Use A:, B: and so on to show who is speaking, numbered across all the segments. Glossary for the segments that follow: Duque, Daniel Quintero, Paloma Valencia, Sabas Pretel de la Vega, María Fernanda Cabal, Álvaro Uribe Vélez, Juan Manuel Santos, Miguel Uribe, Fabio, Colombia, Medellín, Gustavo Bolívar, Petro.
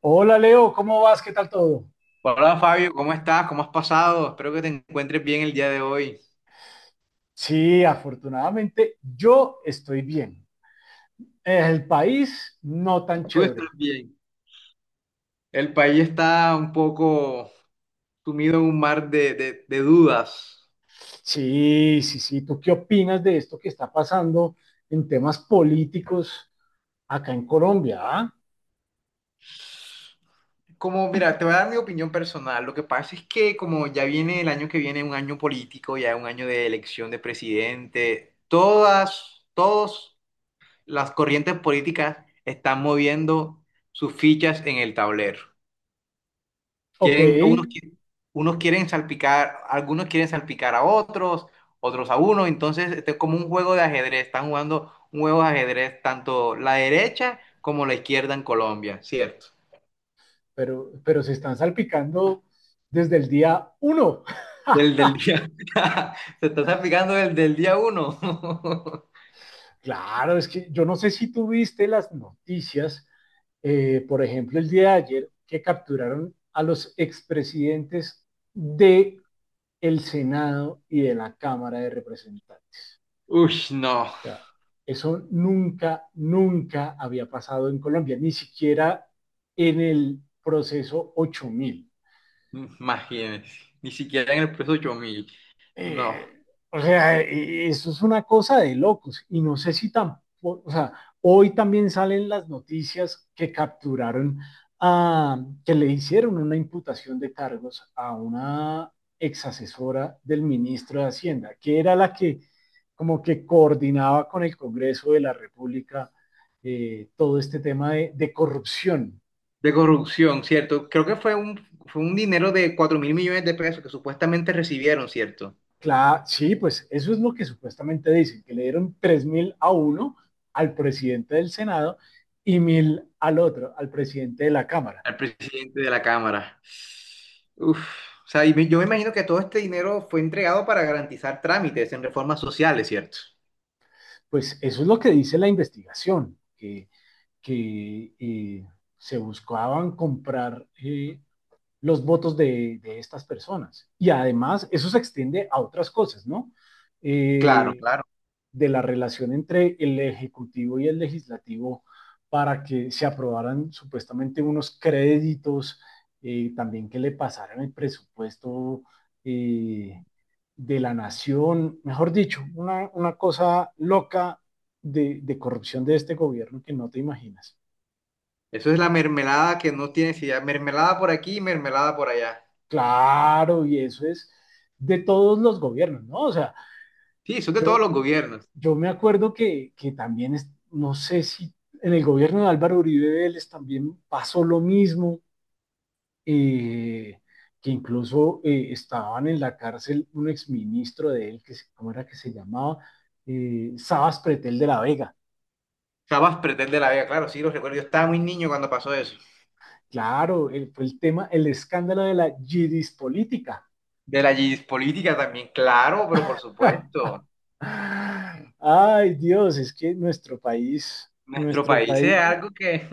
A: Hola Leo, ¿cómo vas? ¿Qué tal todo?
B: Hola Fabio, ¿cómo estás? ¿Cómo has pasado? Espero que te encuentres bien el día de hoy.
A: Sí, afortunadamente yo estoy bien. El país no
B: Tú,
A: tan
B: tú estás
A: chévere.
B: bien. El país está un poco sumido en un mar de dudas.
A: Sí, sí, sí. ¿Tú qué opinas de esto que está pasando en temas políticos acá en Colombia? Ah?
B: Como, mira, te voy a dar mi opinión personal. Lo que pasa es que como ya viene el año que viene, un año político, ya un año de elección de presidente, todas las corrientes políticas están moviendo sus fichas en el tablero.
A: Ok,
B: Quieren, unos, qui- unos quieren salpicar, algunos quieren salpicar a otros, otros a uno. Entonces, este es como un juego de ajedrez. Están jugando un juego de ajedrez tanto la derecha como la izquierda en Colombia, ¿cierto?
A: pero se están salpicando desde el día uno.
B: Del día. Se está salpicando el del día uno.
A: Claro, es que yo no sé si tuviste las noticias, por ejemplo, el día de ayer, que capturaron a los expresidentes de el Senado y de la Cámara de Representantes.
B: Uy, no.
A: O sea, eso nunca, nunca había pasado en Colombia, ni siquiera en el proceso 8.000.
B: Imagínense. Ni siquiera en el precio 8.000. No.
A: Eh, o sea, eso es una cosa de locos. Y no sé si tampoco, o sea, hoy también salen las noticias que capturaron a, que le hicieron una imputación de cargos a una exasesora del ministro de Hacienda, que era la que como que coordinaba con el Congreso de la República, todo este tema de corrupción.
B: De corrupción, ¿cierto? Creo que fue un dinero de 4.000 millones de pesos que supuestamente recibieron, ¿cierto?
A: Claro, sí, pues eso es lo que supuestamente dicen, que le dieron 3.000 a uno al presidente del Senado y 1.000 al otro, al presidente de la Cámara.
B: Al presidente de la Cámara. Uf, o sea, y yo me imagino que todo este dinero fue entregado para garantizar trámites en reformas sociales, ¿cierto?
A: Pues eso es lo que dice la investigación, que se buscaban comprar, los votos de estas personas. Y además eso se extiende a otras cosas, ¿no?
B: Claro,
A: Eh,
B: claro.
A: de la relación entre el Ejecutivo y el Legislativo para que se aprobaran supuestamente unos créditos, también que le pasaran el presupuesto, eh, de la nación, mejor dicho, una cosa loca de corrupción de este gobierno que no te imaginas.
B: Eso es la mermelada que no tiene, si mermelada por aquí, mermelada por allá.
A: Claro, y eso es de todos los gobiernos, ¿no? O sea,
B: Sí, son de todos
A: Yo,
B: los
A: yo,
B: gobiernos.
A: yo me acuerdo que, también, no sé si en el gobierno de Álvaro Uribe Vélez también pasó lo mismo, eh, que incluso, estaban en la cárcel un exministro de él, ¿cómo era que se llamaba? Sabas Pretel de la Vega.
B: Cabas pretende la Vega, claro, sí, los recuerdo. Yo estaba muy niño cuando pasó eso.
A: Claro, fue el tema, el escándalo de la yidis política.
B: De la política también, claro, pero por supuesto.
A: Ay, Dios, es que
B: Nuestro
A: nuestro
B: país es
A: país,
B: algo que.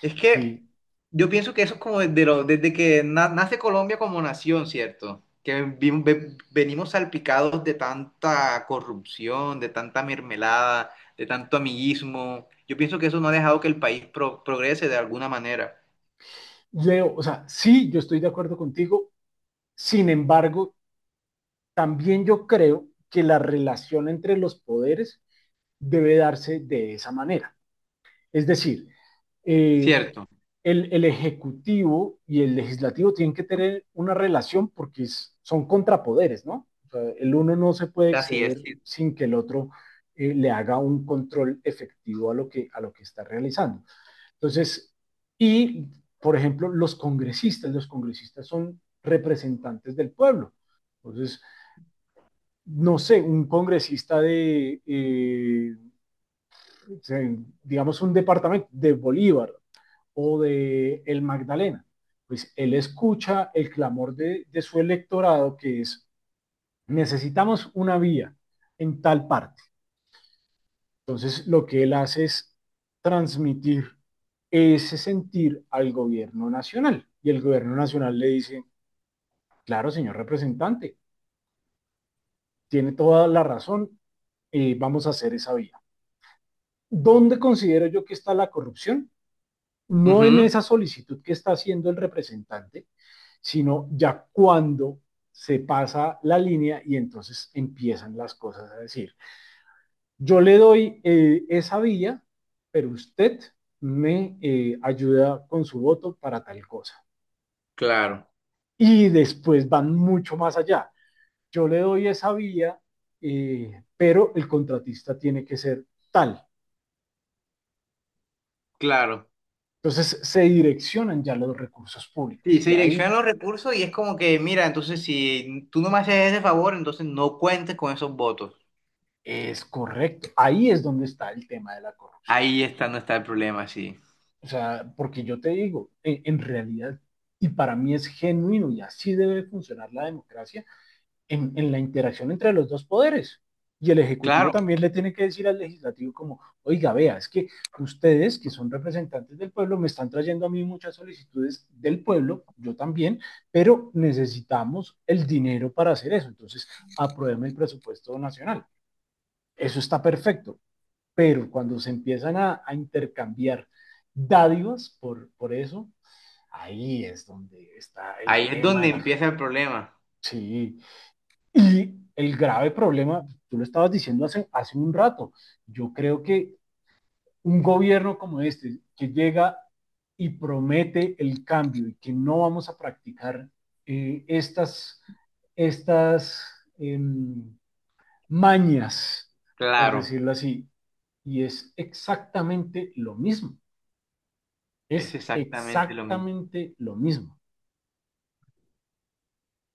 B: Es que
A: sí,
B: yo pienso que eso es como desde, desde que nace Colombia como nación, ¿cierto? Que venimos salpicados de tanta corrupción, de tanta mermelada, de tanto amiguismo. Yo pienso que eso no ha dejado que el país progrese de alguna manera,
A: Leo, o sea, sí, yo estoy de acuerdo contigo. Sin embargo, también yo creo que la relación entre los poderes debe darse de esa manera. Es decir, eh,
B: ¿cierto?
A: el, Ejecutivo y el Legislativo tienen que tener una relación porque son contrapoderes, ¿no? O sea, el uno no se puede
B: Así es,
A: exceder
B: sí.
A: sin que el otro, le haga un control efectivo a lo que, está realizando. Entonces, y por ejemplo, los congresistas son representantes del pueblo. Entonces, no sé, un congresista de, digamos, un departamento de Bolívar o de El Magdalena, pues él escucha el clamor de su electorado, que es, necesitamos una vía en tal parte. Entonces, lo que él hace es transmitir ese sentir al gobierno nacional. Y el gobierno nacional le dice, claro, señor representante, tiene toda la razón, vamos a hacer esa vía. ¿Dónde considero yo que está la corrupción? No en
B: Ujú,
A: esa solicitud que está haciendo el representante, sino ya cuando se pasa la línea y entonces empiezan las cosas a decir, yo le doy, esa vía, pero usted me, ayuda con su voto para tal cosa.
B: claro,
A: Y después van mucho más allá. Yo le doy esa vía, pero el contratista tiene que ser tal.
B: claro.
A: Entonces se direccionan ya los recursos
B: Sí,
A: públicos,
B: se
A: y
B: direccionan
A: ahí
B: los recursos y es como que, mira, entonces si tú no me haces ese favor, entonces no cuentes con esos votos.
A: es correcto. Ahí es donde está el tema de la corrupción.
B: Ahí está, no está el problema, sí.
A: O sea, porque yo te digo, en realidad, y para mí es genuino y así debe funcionar la democracia, en, la interacción entre los dos poderes. Y el Ejecutivo
B: Claro.
A: también le tiene que decir al Legislativo como, oiga, vea, es que ustedes que son representantes del pueblo me están trayendo a mí muchas solicitudes del pueblo, yo también, pero necesitamos el dinero para hacer eso. Entonces, aprueben el presupuesto nacional. Eso está perfecto, pero cuando se empiezan a intercambiar dádivas por eso, ahí es donde está el
B: Ahí es
A: tema
B: donde
A: de la...
B: empieza el problema.
A: Sí, y el grave problema, tú lo estabas diciendo hace un rato, yo creo que un gobierno como este, que llega y promete el cambio y que no vamos a practicar, estas, estas eh, mañas, por
B: Claro,
A: decirlo así, y es exactamente lo mismo,
B: es
A: es
B: exactamente lo mismo.
A: exactamente lo mismo.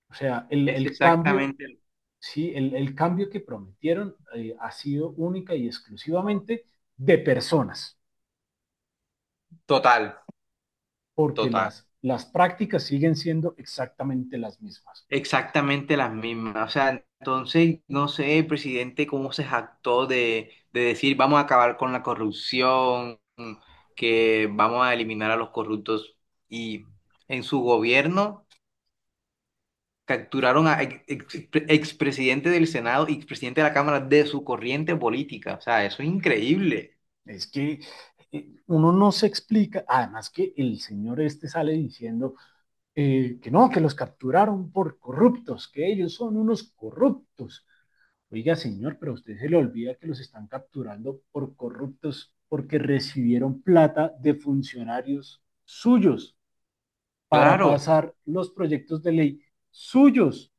A: O sea, el,
B: Es
A: el cambio.
B: exactamente
A: Sí, el cambio que prometieron, ha sido única y exclusivamente de personas,
B: total,
A: porque
B: total.
A: las prácticas siguen siendo exactamente las mismas.
B: Exactamente las mismas. O sea, entonces, no sé, el presidente cómo se jactó de decir vamos a acabar con la corrupción, que vamos a eliminar a los corruptos. Y en su gobierno capturaron a expresidente del Senado y expresidente de la Cámara de su corriente política. O sea, eso es increíble.
A: Es que, uno no se explica, además que el señor este sale diciendo, que no, que los capturaron por corruptos, que ellos son unos corruptos. Oiga, señor, pero a usted se le olvida que los están capturando por corruptos porque recibieron plata de funcionarios suyos, para
B: Claro.
A: pasar los proyectos de ley suyos.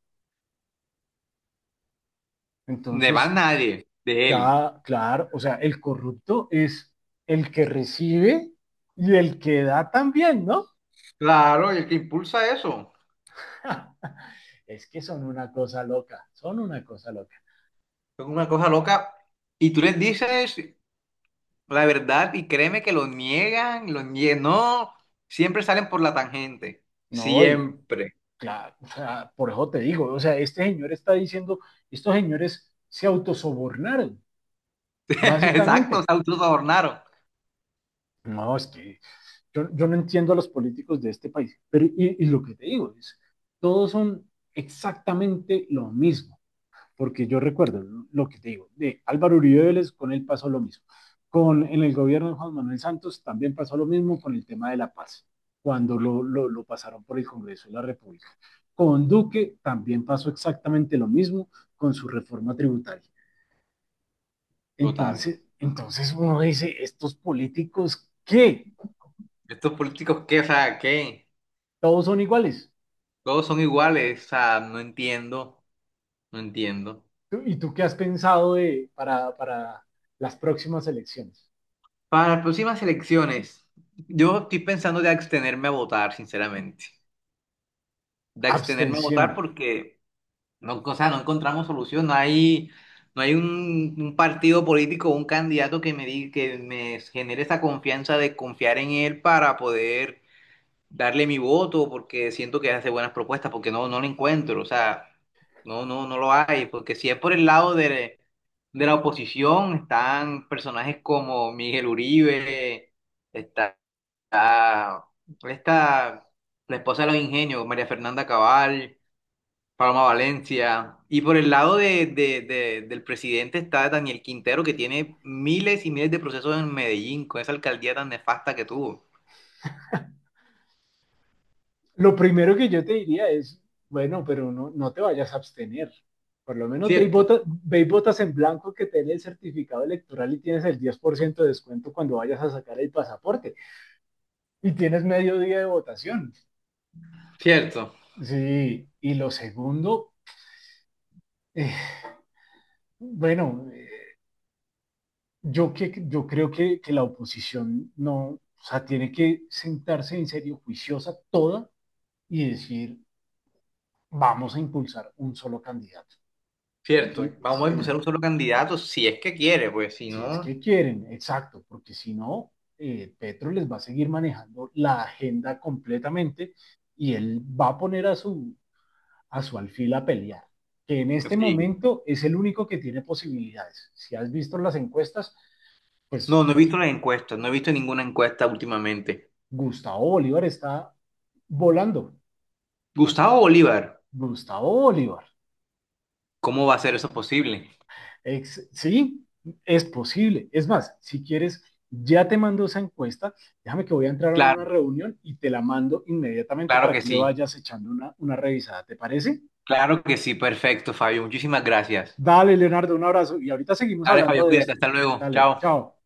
B: De más
A: Entonces,
B: nadie, de él.
A: claro, claro, o sea, el corrupto es el que recibe y el que da también, ¿no?
B: Claro, y el que impulsa eso.
A: Es que son una cosa loca, son una cosa loca.
B: Es una cosa loca. Y tú les dices la verdad y créeme que lo niegan, lo niegan. No, siempre salen por la tangente.
A: No, y
B: Siempre.
A: claro, o sea, por eso te digo, o sea, este señor está diciendo, estos señores se autosobornaron,
B: Exacto, se
A: básicamente.
B: autosobornaron.
A: No, es que yo no entiendo a los políticos de este país. Pero, y lo que te digo es, todos son exactamente lo mismo, porque yo recuerdo lo que te digo, de Álvaro Uribe Vélez, con él pasó lo mismo. En el gobierno de Juan Manuel Santos también pasó lo mismo con el tema de la paz, cuando lo pasaron por el Congreso de la República. Con Duque también pasó exactamente lo mismo con su reforma tributaria.
B: Total.
A: Entonces, uno dice, estos políticos, ¿qué?
B: Estos políticos, ¿qué? O sea, ¿qué?
A: Todos son iguales.
B: Todos son iguales. O sea, no entiendo, no entiendo.
A: ¿Y tú qué has pensado de, para las próximas elecciones?
B: Para las próximas elecciones, yo estoy pensando de abstenerme a votar, sinceramente. De abstenerme a
A: Abstención.
B: votar porque. No, o sea, no encontramos solución, no hay, no hay un partido político, un candidato que me genere esa confianza de confiar en él para poder darle mi voto, porque siento que hace buenas propuestas, porque no, no lo encuentro, o sea, no, no, no lo hay, porque si es por el lado de la oposición, están personajes como Miguel Uribe, está, está esta, la esposa de los ingenios, María Fernanda Cabal. Paloma Valencia. Y por el lado del presidente está Daniel Quintero, que tiene miles y miles de procesos en Medellín, con esa alcaldía tan nefasta que tuvo.
A: Lo primero que yo te diría es, bueno, pero no, no te vayas a abstener. Por lo menos ve y,
B: Cierto,
A: votas en blanco, que tenés el certificado electoral y tienes el 10% de descuento cuando vayas a sacar el pasaporte. Y tienes medio día de votación.
B: cierto,
A: Sí, y lo segundo, eh, bueno, yo creo que la oposición no, o sea, tiene que sentarse en serio, juiciosa toda, y decir, vamos a impulsar un solo candidato.
B: cierto.
A: Si,
B: Vamos
A: si,
B: a
A: es,
B: impulsar un solo candidato, si es que quiere, pues si
A: si es que
B: no,
A: quieren, exacto, porque si no, Petro les va a seguir manejando la agenda completamente, y él va a poner a su, alfil a pelear, que en este
B: sí.
A: momento es el único que tiene posibilidades. Si has visto las encuestas,
B: No,
A: pues
B: no he visto las encuestas, no he visto ninguna encuesta últimamente.
A: Gustavo Bolívar está volando.
B: Gustavo Bolívar,
A: Gustavo Bolívar.
B: ¿cómo va a ser eso posible?
A: Ex Sí, es posible. Es más, si quieres, ya te mando esa encuesta. Déjame que voy a entrar a una
B: Claro,
A: reunión y te la mando inmediatamente
B: claro
A: para
B: que
A: que le
B: sí,
A: vayas echando una revisada. ¿Te parece?
B: claro que sí, perfecto, Fabio. Muchísimas gracias.
A: Dale, Leonardo, un abrazo. Y ahorita seguimos
B: Dale,
A: hablando
B: Fabio,
A: de
B: cuídate,
A: esto.
B: hasta luego.
A: Dale,
B: Chao.
A: chao.